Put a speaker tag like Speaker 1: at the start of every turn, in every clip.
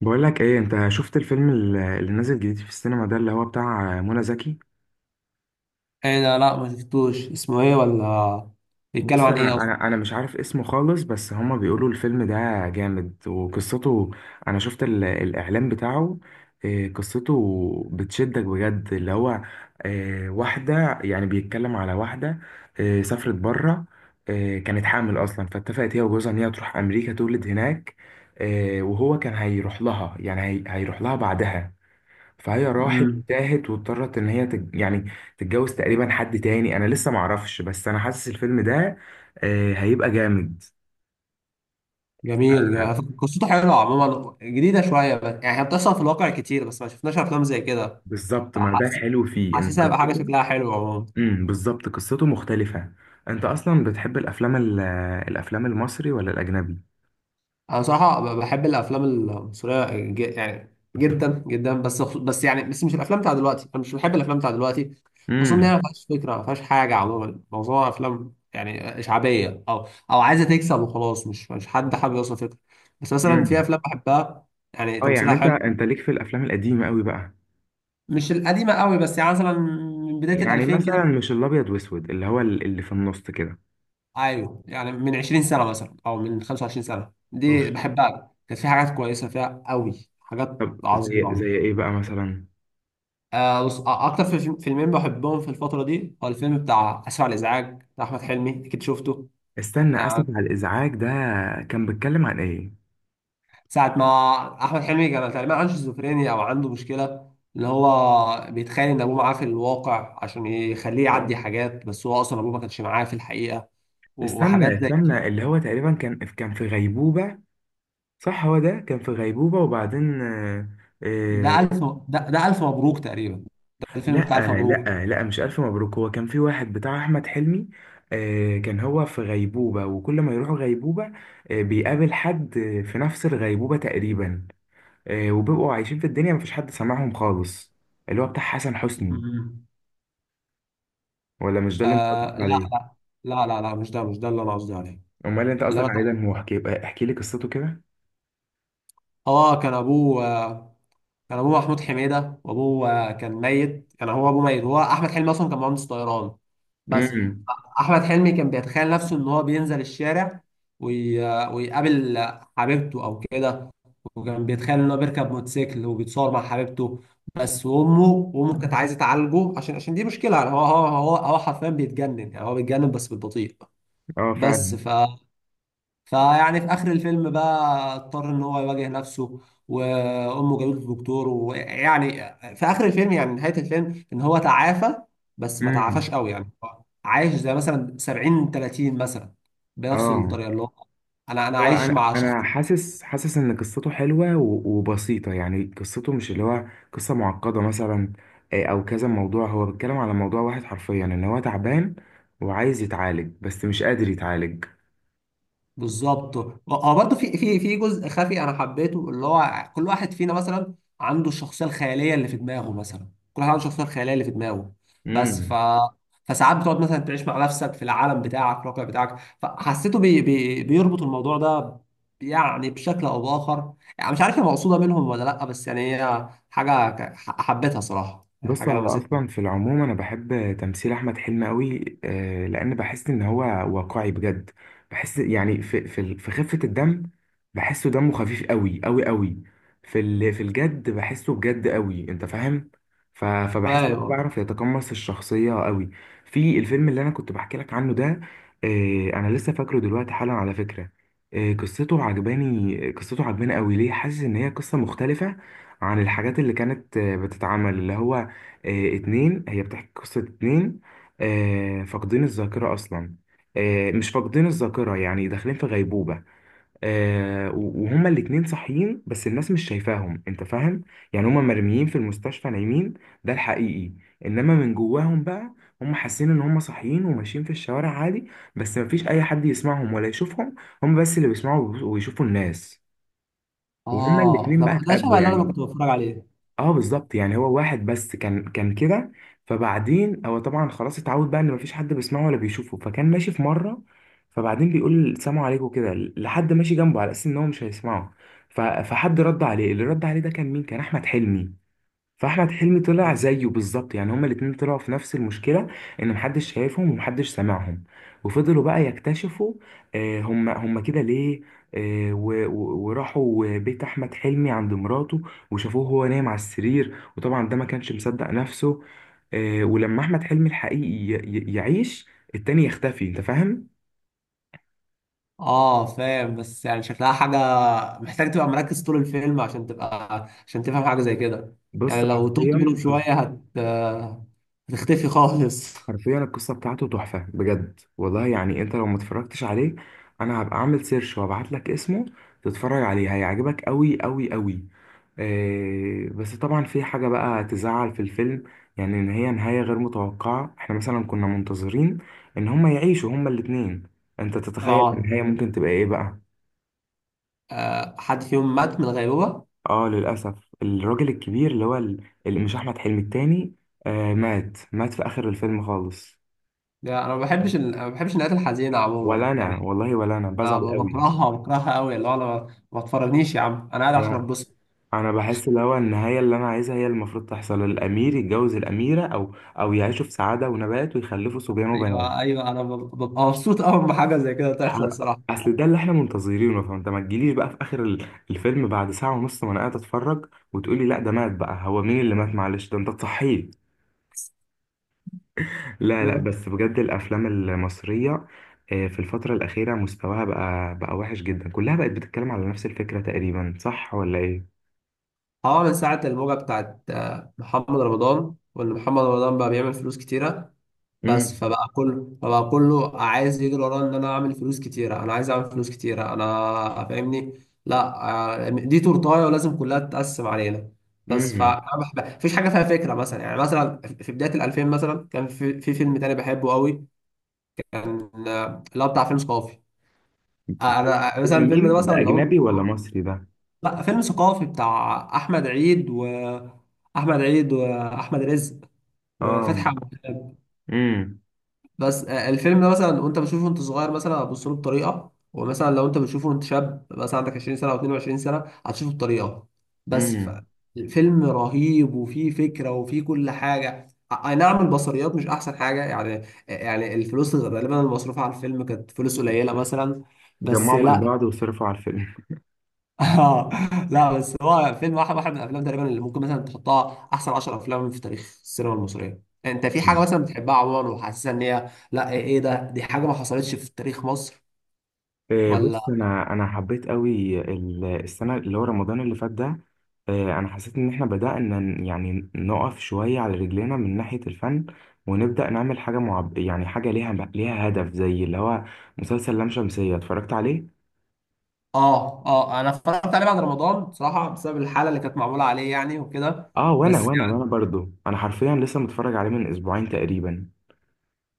Speaker 1: بقول لك ايه، انت شفت الفيلم اللي نازل جديد في السينما ده اللي هو بتاع منى زكي؟
Speaker 2: ايه ده؟ لا، ما شفتوش، اسمه ايه؟ ولا بيتكلم
Speaker 1: بص،
Speaker 2: عن ايه
Speaker 1: انا
Speaker 2: اصلا؟
Speaker 1: انا انا مش عارف اسمه خالص، بس هما بيقولوا الفيلم ده جامد وقصته. انا شفت الاعلان بتاعه. إيه، قصته بتشدك بجد، اللي هو. إيه، واحدة، يعني بيتكلم على واحدة. إيه، سافرت بره. إيه، كانت حامل اصلا، فاتفقت هي وجوزها ان هي تروح امريكا تولد هناك. إيه، وهو كان هيروح لها، يعني هيروح لها بعدها. فهي راحت
Speaker 2: امم
Speaker 1: وتاهت واضطرت ان هي يعني تتجوز تقريبا حد تاني، انا لسه معرفش، بس انا حاسس الفيلم ده، آه، هيبقى جامد.
Speaker 2: جميل جميل. قصته حلوه عموما، جديده شويه، بس يعني هي بتحصل في الواقع كتير، بس ما شفناش افلام زي كده.
Speaker 1: بالظبط، ما ده
Speaker 2: فحاسس
Speaker 1: الحلو فيه ان
Speaker 2: حاسسها هيبقى حاجه
Speaker 1: قصته.
Speaker 2: شكلها حلو عموما.
Speaker 1: بالظبط، قصته مختلفة. انت اصلا بتحب الافلام الافلام المصري ولا الاجنبي؟
Speaker 2: انا صراحه بحب الافلام المصريه، يعني جدا جدا، بس مش الافلام بتاع دلوقتي، انا مش بحب الافلام بتاع دلوقتي، خصوصا ان هي
Speaker 1: امم.
Speaker 2: ما فيهاش فكره، ما فيهاش حاجه عموما، معظمها افلام يعني شعبيه، او عايزه تكسب وخلاص، مش حد حابب يوصل فكره. بس مثلا في
Speaker 1: امم.
Speaker 2: افلام بحبها، يعني
Speaker 1: اه، يعني
Speaker 2: تمثيلها
Speaker 1: انت
Speaker 2: حلو.
Speaker 1: انت ليك في الافلام القديمة قوي بقى.
Speaker 2: مش القديمه قوي، بس يعني مثلا من بدايه ال
Speaker 1: يعني
Speaker 2: 2000 كده.
Speaker 1: مثلا مش الابيض واسود، اللي هو اللي في النص كده؟
Speaker 2: ايوه، يعني من 20 سنه مثلا، او من 25 سنه،
Speaker 1: اوف.
Speaker 2: دي بحبها، كانت في حاجات كويسه فيها قوي، حاجات
Speaker 1: طب، زي
Speaker 2: عظيمه.
Speaker 1: ايه بقى مثلا؟
Speaker 2: آه بص، اكتر فيلمين بحبهم في الفتره دي، هو الفيلم بتاع اسف على الازعاج بتاع احمد حلمي، اكيد شفته.
Speaker 1: استنى، اسف
Speaker 2: يعني
Speaker 1: على الازعاج ده كان بيتكلم عن ايه؟
Speaker 2: ساعه ما احمد حلمي كان تقريبا عنده شيزوفرينيا، او عنده مشكله، اللي هو بيتخيل ان ابوه معاه في الواقع عشان يخليه يعدي حاجات، بس هو اصلا ابوه ما كانش معاه في الحقيقه،
Speaker 1: استنى،
Speaker 2: وحاجات زي
Speaker 1: استنى،
Speaker 2: كده.
Speaker 1: اللي هو تقريبا كان في غيبوبة. صح، هو ده كان في غيبوبة وبعدين، آه.
Speaker 2: ده
Speaker 1: آه.
Speaker 2: الف، ده الف مبروك تقريبا، ده الفيلم بتاع الف
Speaker 1: لا،
Speaker 2: مبروك.
Speaker 1: لا، لا، مش الف مبروك، هو كان في واحد بتاع احمد حلمي. آه، كان هو في غيبوبة، وكل ما يروحوا غيبوبة، آه، بيقابل حد، في نفس الغيبوبة تقريبا. آه، وبيبقوا عايشين في الدنيا، مفيش حد سامعهم خالص. اللي هو بتاع حسن حسني.
Speaker 2: مم.
Speaker 1: ولا مش ده اللي انت
Speaker 2: آه،
Speaker 1: قصدك
Speaker 2: لا
Speaker 1: عليه؟
Speaker 2: لا لا لا لا، مش ده اللي انا قصدي عليه.
Speaker 1: امال، اللي انت
Speaker 2: اللي
Speaker 1: قصدك
Speaker 2: انا
Speaker 1: عليه ده هو، احكي احكي لي قصته كده.
Speaker 2: هو كان ابوه، كان ابوه محمود حميده، وابوه كان ميت، كان هو ابوه ميت، هو احمد حلمي اصلا كان مهندس طيران، بس.
Speaker 1: امم.
Speaker 2: احمد حلمي كان بيتخيل نفسه ان هو بينزل الشارع، وي... ويقابل حبيبته او كده، وكان بيتخيل ان هو بيركب موتوسيكل وبيتصور مع حبيبته، بس. وامه، وامه كانت عايزه تعالجه، عشان دي مشكله، يعني هو حرفيا بيتجنن، يعني هو بيتجنن بس بالبطيء.
Speaker 1: اه،
Speaker 2: بس
Speaker 1: فعلا.
Speaker 2: ف فيعني في اخر الفيلم بقى، اضطر ان هو يواجه نفسه، وامه جابته دكتور، ويعني في اخر الفيلم، يعني نهاية الفيلم، ان هو تعافى، بس ما تعافاش
Speaker 1: امم.
Speaker 2: قوي، يعني هو عايش زي مثلا 70 30 مثلا، بنفس
Speaker 1: اه.
Speaker 2: الطريقة اللي هو انا
Speaker 1: هو
Speaker 2: عايش
Speaker 1: انا
Speaker 2: مع شخص.
Speaker 1: انا حاسس حاسس ان قصته حلوه وبسيطه، يعني قصته مش اللي هو قصه معقده مثلا. آه، او كذا موضوع، هو بيتكلم على موضوع واحد حرفيا، ان هو تعبان وعايز يتعالج، بس مش قادر يتعالج.
Speaker 2: بالظبط. اه، برضه في جزء خفي انا حبيته، اللي هو كل واحد فينا مثلا عنده الشخصيه الخياليه اللي في دماغه مثلا، كل واحد عنده الشخصيه الخياليه اللي في دماغه، بس
Speaker 1: امم.
Speaker 2: فساعات بتقعد مثلا تعيش مع نفسك في العالم بتاعك، الواقع بتاعك، فحسيته بيربط الموضوع ده، يعني بشكل او باخر، يعني مش عارف هي مقصوده منهم ولا لا، بس يعني هي حاجه حبيتها صراحه، يعني
Speaker 1: بص،
Speaker 2: حاجه
Speaker 1: هو
Speaker 2: لمستني.
Speaker 1: اصلا في العموم انا بحب تمثيل احمد حلمي قوي، لان بحس ان هو واقعي بجد. بحس يعني في خفة الدم. بحسه دمه خفيف قوي قوي قوي. في الجد بحسه بجد قوي، انت فاهم؟ فبحس ان هو
Speaker 2: فاهم.
Speaker 1: بيعرف يتقمص الشخصية قوي. في الفيلم اللي انا كنت بحكي لك عنه ده، آه، انا لسه فاكره دلوقتي حالا، على فكرة. آه، قصته عجباني، قصته عجباني قوي، ليه حاسس ان هي قصة مختلفة عن الحاجات اللي كانت بتتعمل، اللي هو. آه، اتنين هي بتحكي قصة اتنين، آه، فاقدين الذاكرة أصلا، آه، مش فاقدين الذاكرة، يعني داخلين في غيبوبة. آه، وهما الاتنين صاحيين، بس الناس مش شايفاهم، انت فاهم؟ يعني هما مرميين في المستشفى نايمين، ده الحقيقي. انما من جواهم بقى، هما حاسين ان هما صاحيين وماشيين في الشوارع عادي. بس مفيش اي حد يسمعهم ولا يشوفهم. هما بس اللي بيسمعوا ويشوفوا الناس. وهما
Speaker 2: اه،
Speaker 1: الاتنين
Speaker 2: ده
Speaker 1: بقى
Speaker 2: ده شبه
Speaker 1: اتقابلوا
Speaker 2: اللي انا
Speaker 1: يعني.
Speaker 2: كنت بتفرج عليه.
Speaker 1: اه، بالظبط، يعني هو واحد بس كان كده. فبعدين هو طبعا خلاص اتعود بقى ان مفيش حد بيسمعه ولا بيشوفه، فكان ماشي في مره. فبعدين بيقول سلام عليكم كده لحد ماشي جنبه، على اساس ان هو مش هيسمعه. فحد رد عليه، اللي رد عليه ده كان مين؟ كان احمد حلمي. فاحمد حلمي طلع زيه بالظبط، يعني هما الاتنين طلعوا في نفس المشكله، ان محدش شايفهم ومحدش سامعهم. وفضلوا بقى يكتشفوا، آه، هما كده ليه. آه، وراحوا بيت احمد حلمي عند مراته، وشافوه هو نايم على السرير، وطبعا ده ما كانش مصدق نفسه. آه، ولما احمد حلمي الحقيقي يعيش، التاني يختفي، انت فاهم؟
Speaker 2: اه فاهم، بس يعني شكلها حاجة محتاج تبقى مركز طول الفيلم عشان تبقى، عشان تفهم حاجة زي كده،
Speaker 1: بص،
Speaker 2: يعني لو تهت منهم
Speaker 1: حرفيا،
Speaker 2: شوية هتختفي خالص
Speaker 1: حرفيا القصة بتاعته تحفة بجد والله، يعني انت لو ما اتفرجتش عليه، انا هبقى اعمل سيرش وابعت لك اسمه، تتفرج عليه، هيعجبك قوي قوي قوي. آه، بس طبعا في حاجة بقى تزعل في الفيلم، يعني ان هي نهاية غير متوقعة، احنا مثلا كنا منتظرين ان هما يعيشوا هما الاتنين. انت تتخيل
Speaker 2: اه.
Speaker 1: النهاية ممكن تبقى ايه بقى؟
Speaker 2: آه، حد فيهم مات من الغيبوبة.
Speaker 1: اه، للأسف. الراجل الكبير، اللي هو اللي مش احمد حلمي التاني، آه، مات مات في اخر الفيلم خالص.
Speaker 2: لا، انا ما بحبش أنا ما بحبش النهايات الحزينة
Speaker 1: ولا
Speaker 2: عموما،
Speaker 1: انا
Speaker 2: يعني
Speaker 1: والله، ولا انا
Speaker 2: أنا
Speaker 1: بزعل قوي.
Speaker 2: بكرهها قوي، اللي هو انا ما تفرجنيش يا عم، انا قاعد عشان
Speaker 1: انا.
Speaker 2: اتبسط.
Speaker 1: أنا بحس، اللي هو النهايه اللي انا عايزها هي اللي المفروض تحصل، الامير يتجوز الاميره، او يعيشوا في سعاده ونبات ويخلفوا صبيان وبنات.
Speaker 2: ايوه، ايوه، انا ببقى مبسوط قوي لما حاجة زي كده
Speaker 1: ح-
Speaker 2: تحصل، صراحة.
Speaker 1: اصل ده اللي احنا منتظرينه، فانت ما تجيليش بقى في اخر الفيلم بعد ساعه ونص ما انا قاعد اتفرج، وتقولي لا، ده مات بقى، هو مين اللي مات، معلش، ده انت تصحيه. لا، لا، بس بجد الافلام المصريه، آه، في الفتره الاخيره مستواها بقى وحش جدا، كلها بقت بتتكلم على نفس الفكره تقريبا، صح ولا ايه؟
Speaker 2: اه، من ساعة الموجة بتاعت محمد رمضان، وان محمد رمضان بقى بيعمل فلوس كتيرة، بس
Speaker 1: امم.
Speaker 2: فبقى كله عايز يجري وراه، ان انا اعمل فلوس كتيرة، انا عايز اعمل فلوس كتيرة، انا فاهمني. لا، آه، دي تورتاية ولازم كلها تتقسم علينا، بس
Speaker 1: امم.
Speaker 2: مفيش حاجة فيها فكرة مثلا. يعني مثلا في بداية الألفين مثلا، كان في فيلم تاني بحبه قوي، كان اللي هو بتاع فيلم ثقافي. انا مثلا الفيلم ده
Speaker 1: مين
Speaker 2: مثلا
Speaker 1: ده، اجنبي ولا
Speaker 2: لو،
Speaker 1: مصري ده؟
Speaker 2: لا فيلم ثقافي بتاع احمد عيد، واحمد رزق
Speaker 1: اه.
Speaker 2: وفتحي عبد الوهاب.
Speaker 1: امم.
Speaker 2: بس آه، الفيلم ده مثلا وانت بتشوفه وانت صغير مثلا هتبص له بطريقه، ومثلا لو انت بتشوفه وانت شاب مثلا عندك 20 سنه او 22 سنه هتشوفه بطريقه، بس ف-
Speaker 1: امم.
Speaker 2: الفيلم رهيب وفيه فكره وفيه كل حاجه. آه، اي نعم، البصريات مش احسن حاجه، يعني يعني الفلوس غالبا المصروفه على الفيلم كانت فلوس قليله مثلا، بس
Speaker 1: جمعوا من
Speaker 2: لا
Speaker 1: بعض وصرفوا على الفيلم.
Speaker 2: اه لا، بس هو فيلم واحد من الافلام تقريبا اللي ممكن مثلا تحطها احسن 10 افلام في تاريخ السينما المصريه، انت في حاجه
Speaker 1: مم.
Speaker 2: مثلا بتحبها عموما وحاسسها ان هي، لا ايه، إيه ده، دي حاجه ما حصلتش في تاريخ مصر.
Speaker 1: آه،
Speaker 2: ولا.
Speaker 1: بص، انا حبيت قوي السنه اللي هو رمضان اللي فات ده، آه، انا حسيت ان احنا بدانا يعني نقف شويه على رجلينا من ناحيه الفن، ونبدا نعمل حاجه يعني حاجه ليها هدف، زي اللي هو مسلسل لام شمسيه، اتفرجت عليه؟
Speaker 2: اه، اه، انا اتفرجت عليه بعد رمضان بصراحه، بسبب الحاله اللي كانت معموله عليه، يعني وكده.
Speaker 1: اه، وانا
Speaker 2: بس
Speaker 1: وانا وانا
Speaker 2: يعني
Speaker 1: برضو انا حرفيا لسه متفرج عليه من اسبوعين تقريبا.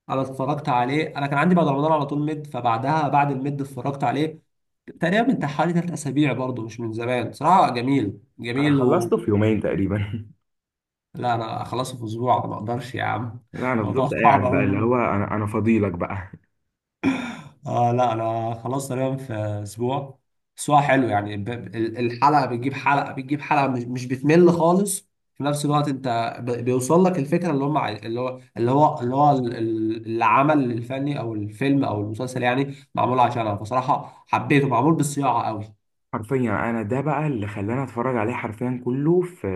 Speaker 2: انا اتفرجت عليه، انا كان عندي بعد رمضان على طول ميد، فبعدها بعد الميد اتفرجت عليه تقريبا من حوالي 3 اسابيع برضه، مش من زمان صراحه. جميل
Speaker 1: انا
Speaker 2: جميل.
Speaker 1: خلصته في يومين تقريبا.
Speaker 2: لا، انا اخلصه في اسبوع ما اقدرش يا عم
Speaker 1: لا، انا
Speaker 2: الموضوع
Speaker 1: فضلت
Speaker 2: صعب
Speaker 1: قاعد
Speaker 2: قوي.
Speaker 1: بقى اللي هو، انا فضيلك بقى.
Speaker 2: اه لا، انا خلاص تقريبا في اسبوع. اسبوع حلو يعني، الحلقه بتجيب حلقه بتجيب حلقه، مش بتمل خالص، في نفس الوقت انت بيوصل لك الفكره، اللي هم عاي- اللي هو اللي هو اللي هو ال- ال- العمل الفني او الفيلم او المسلسل يعني معمول عشانها بصراحه، حبيته، معمول بالصياعه قوي.
Speaker 1: حرفيا يعني انا ده بقى اللي خلاني اتفرج عليه، حرفيا كله في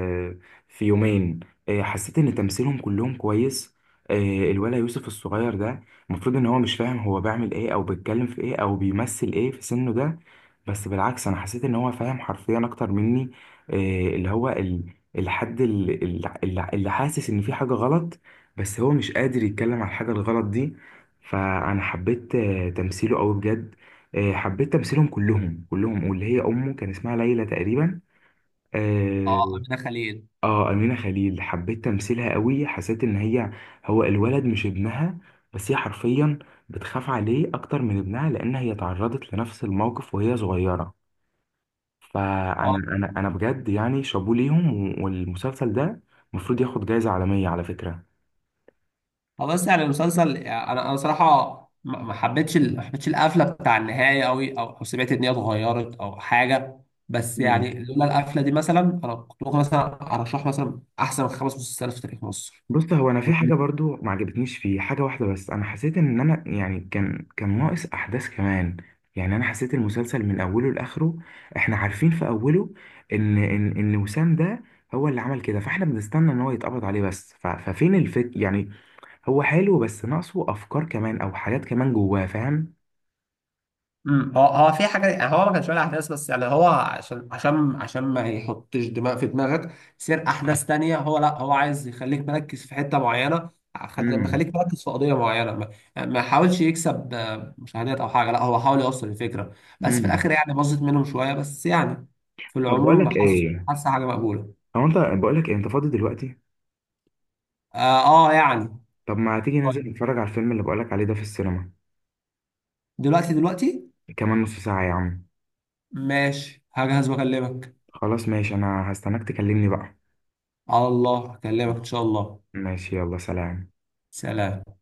Speaker 1: في يومين. إيه، حسيت ان تمثيلهم كلهم كويس. إيه، الولا يوسف الصغير ده، المفروض ان هو مش فاهم هو بيعمل ايه او بيتكلم في ايه او بيمثل ايه في سنه ده. بس بالعكس، انا حسيت ان هو فاهم حرفيا اكتر مني. إيه، اللي هو الحد اللي حاسس ان في حاجة غلط، بس هو مش قادر يتكلم على الحاجة الغلط دي. فانا حبيت تمثيله قوي بجد. آه، حبيت تمثيلهم كلهم، واللي هي امه كان اسمها ليلى تقريبا.
Speaker 2: اه،
Speaker 1: اه.
Speaker 2: امينه خليل.
Speaker 1: آه، امينه خليل، حبيت تمثيلها قوي، حسيت ان هي، هو الولد مش ابنها، بس هي حرفيا بتخاف عليه اكتر من ابنها، لان هي تعرضت لنفس الموقف وهي صغيره. فانا
Speaker 2: آه،
Speaker 1: انا بجد، يعني شابوه ليهم. والمسلسل ده المفروض ياخد جائزه عالميه، على فكره.
Speaker 2: اه بس يعني المسلسل، يعني انا صراحه ما حبيتش ما حبيتش القفله بتاع النهايه قوي، او سمعت ان هي اتغيرت او حاجه، بس
Speaker 1: مم.
Speaker 2: يعني لولا القفله دي مثلا، انا كنت ممكن مثلا ارشح مثلا احسن 5 مسلسلات في تاريخ مصر.
Speaker 1: بص، هو انا في حاجه برضو ما عجبتنيش فيه، حاجه واحده بس، انا حسيت ان انا يعني كان ناقص احداث كمان. يعني انا حسيت المسلسل من اوله لاخره، احنا عارفين في اوله ان وسام ده هو اللي عمل كده، فاحنا بنستنى ان هو يتقبض عليه، بس ففين الفك يعني. هو حلو، بس ناقصه افكار كمان او حاجات كمان جواه، فاهم؟
Speaker 2: هو في حاجه، هو ما كانش ولا احداث، بس يعني هو عشان عشان ما يحطش دماغ في دماغك سير احداث تانية، هو لا، هو عايز يخليك مركز في حته معينه،
Speaker 1: امم.
Speaker 2: مخليك مركز في قضيه معينه، ما حاولش يكسب مشاهدات او حاجه، لا هو حاول يوصل الفكره، بس في
Speaker 1: امم.
Speaker 2: الاخر يعني باظت منهم شويه، بس يعني في
Speaker 1: طب، بقول
Speaker 2: العموم
Speaker 1: لك
Speaker 2: حاسس
Speaker 1: ايه،
Speaker 2: حاسس حاجه مقبوله.
Speaker 1: هو انت، بقول لك إيه؟ انت فاضي دلوقتي؟
Speaker 2: اه, يعني.
Speaker 1: طب، ما تيجي ننزل
Speaker 2: طيب.
Speaker 1: نتفرج على الفيلم اللي بقول لك عليه ده في السينما؟
Speaker 2: دلوقتي؟ دلوقتي؟
Speaker 1: كمان نص ساعه يا عم.
Speaker 2: ماشي، هجهز واكلمك.
Speaker 1: خلاص، ماشي، انا هستناك تكلمني بقى.
Speaker 2: على الله اكلمك ان شاء الله.
Speaker 1: ماشي، يلا، سلام.
Speaker 2: سلام.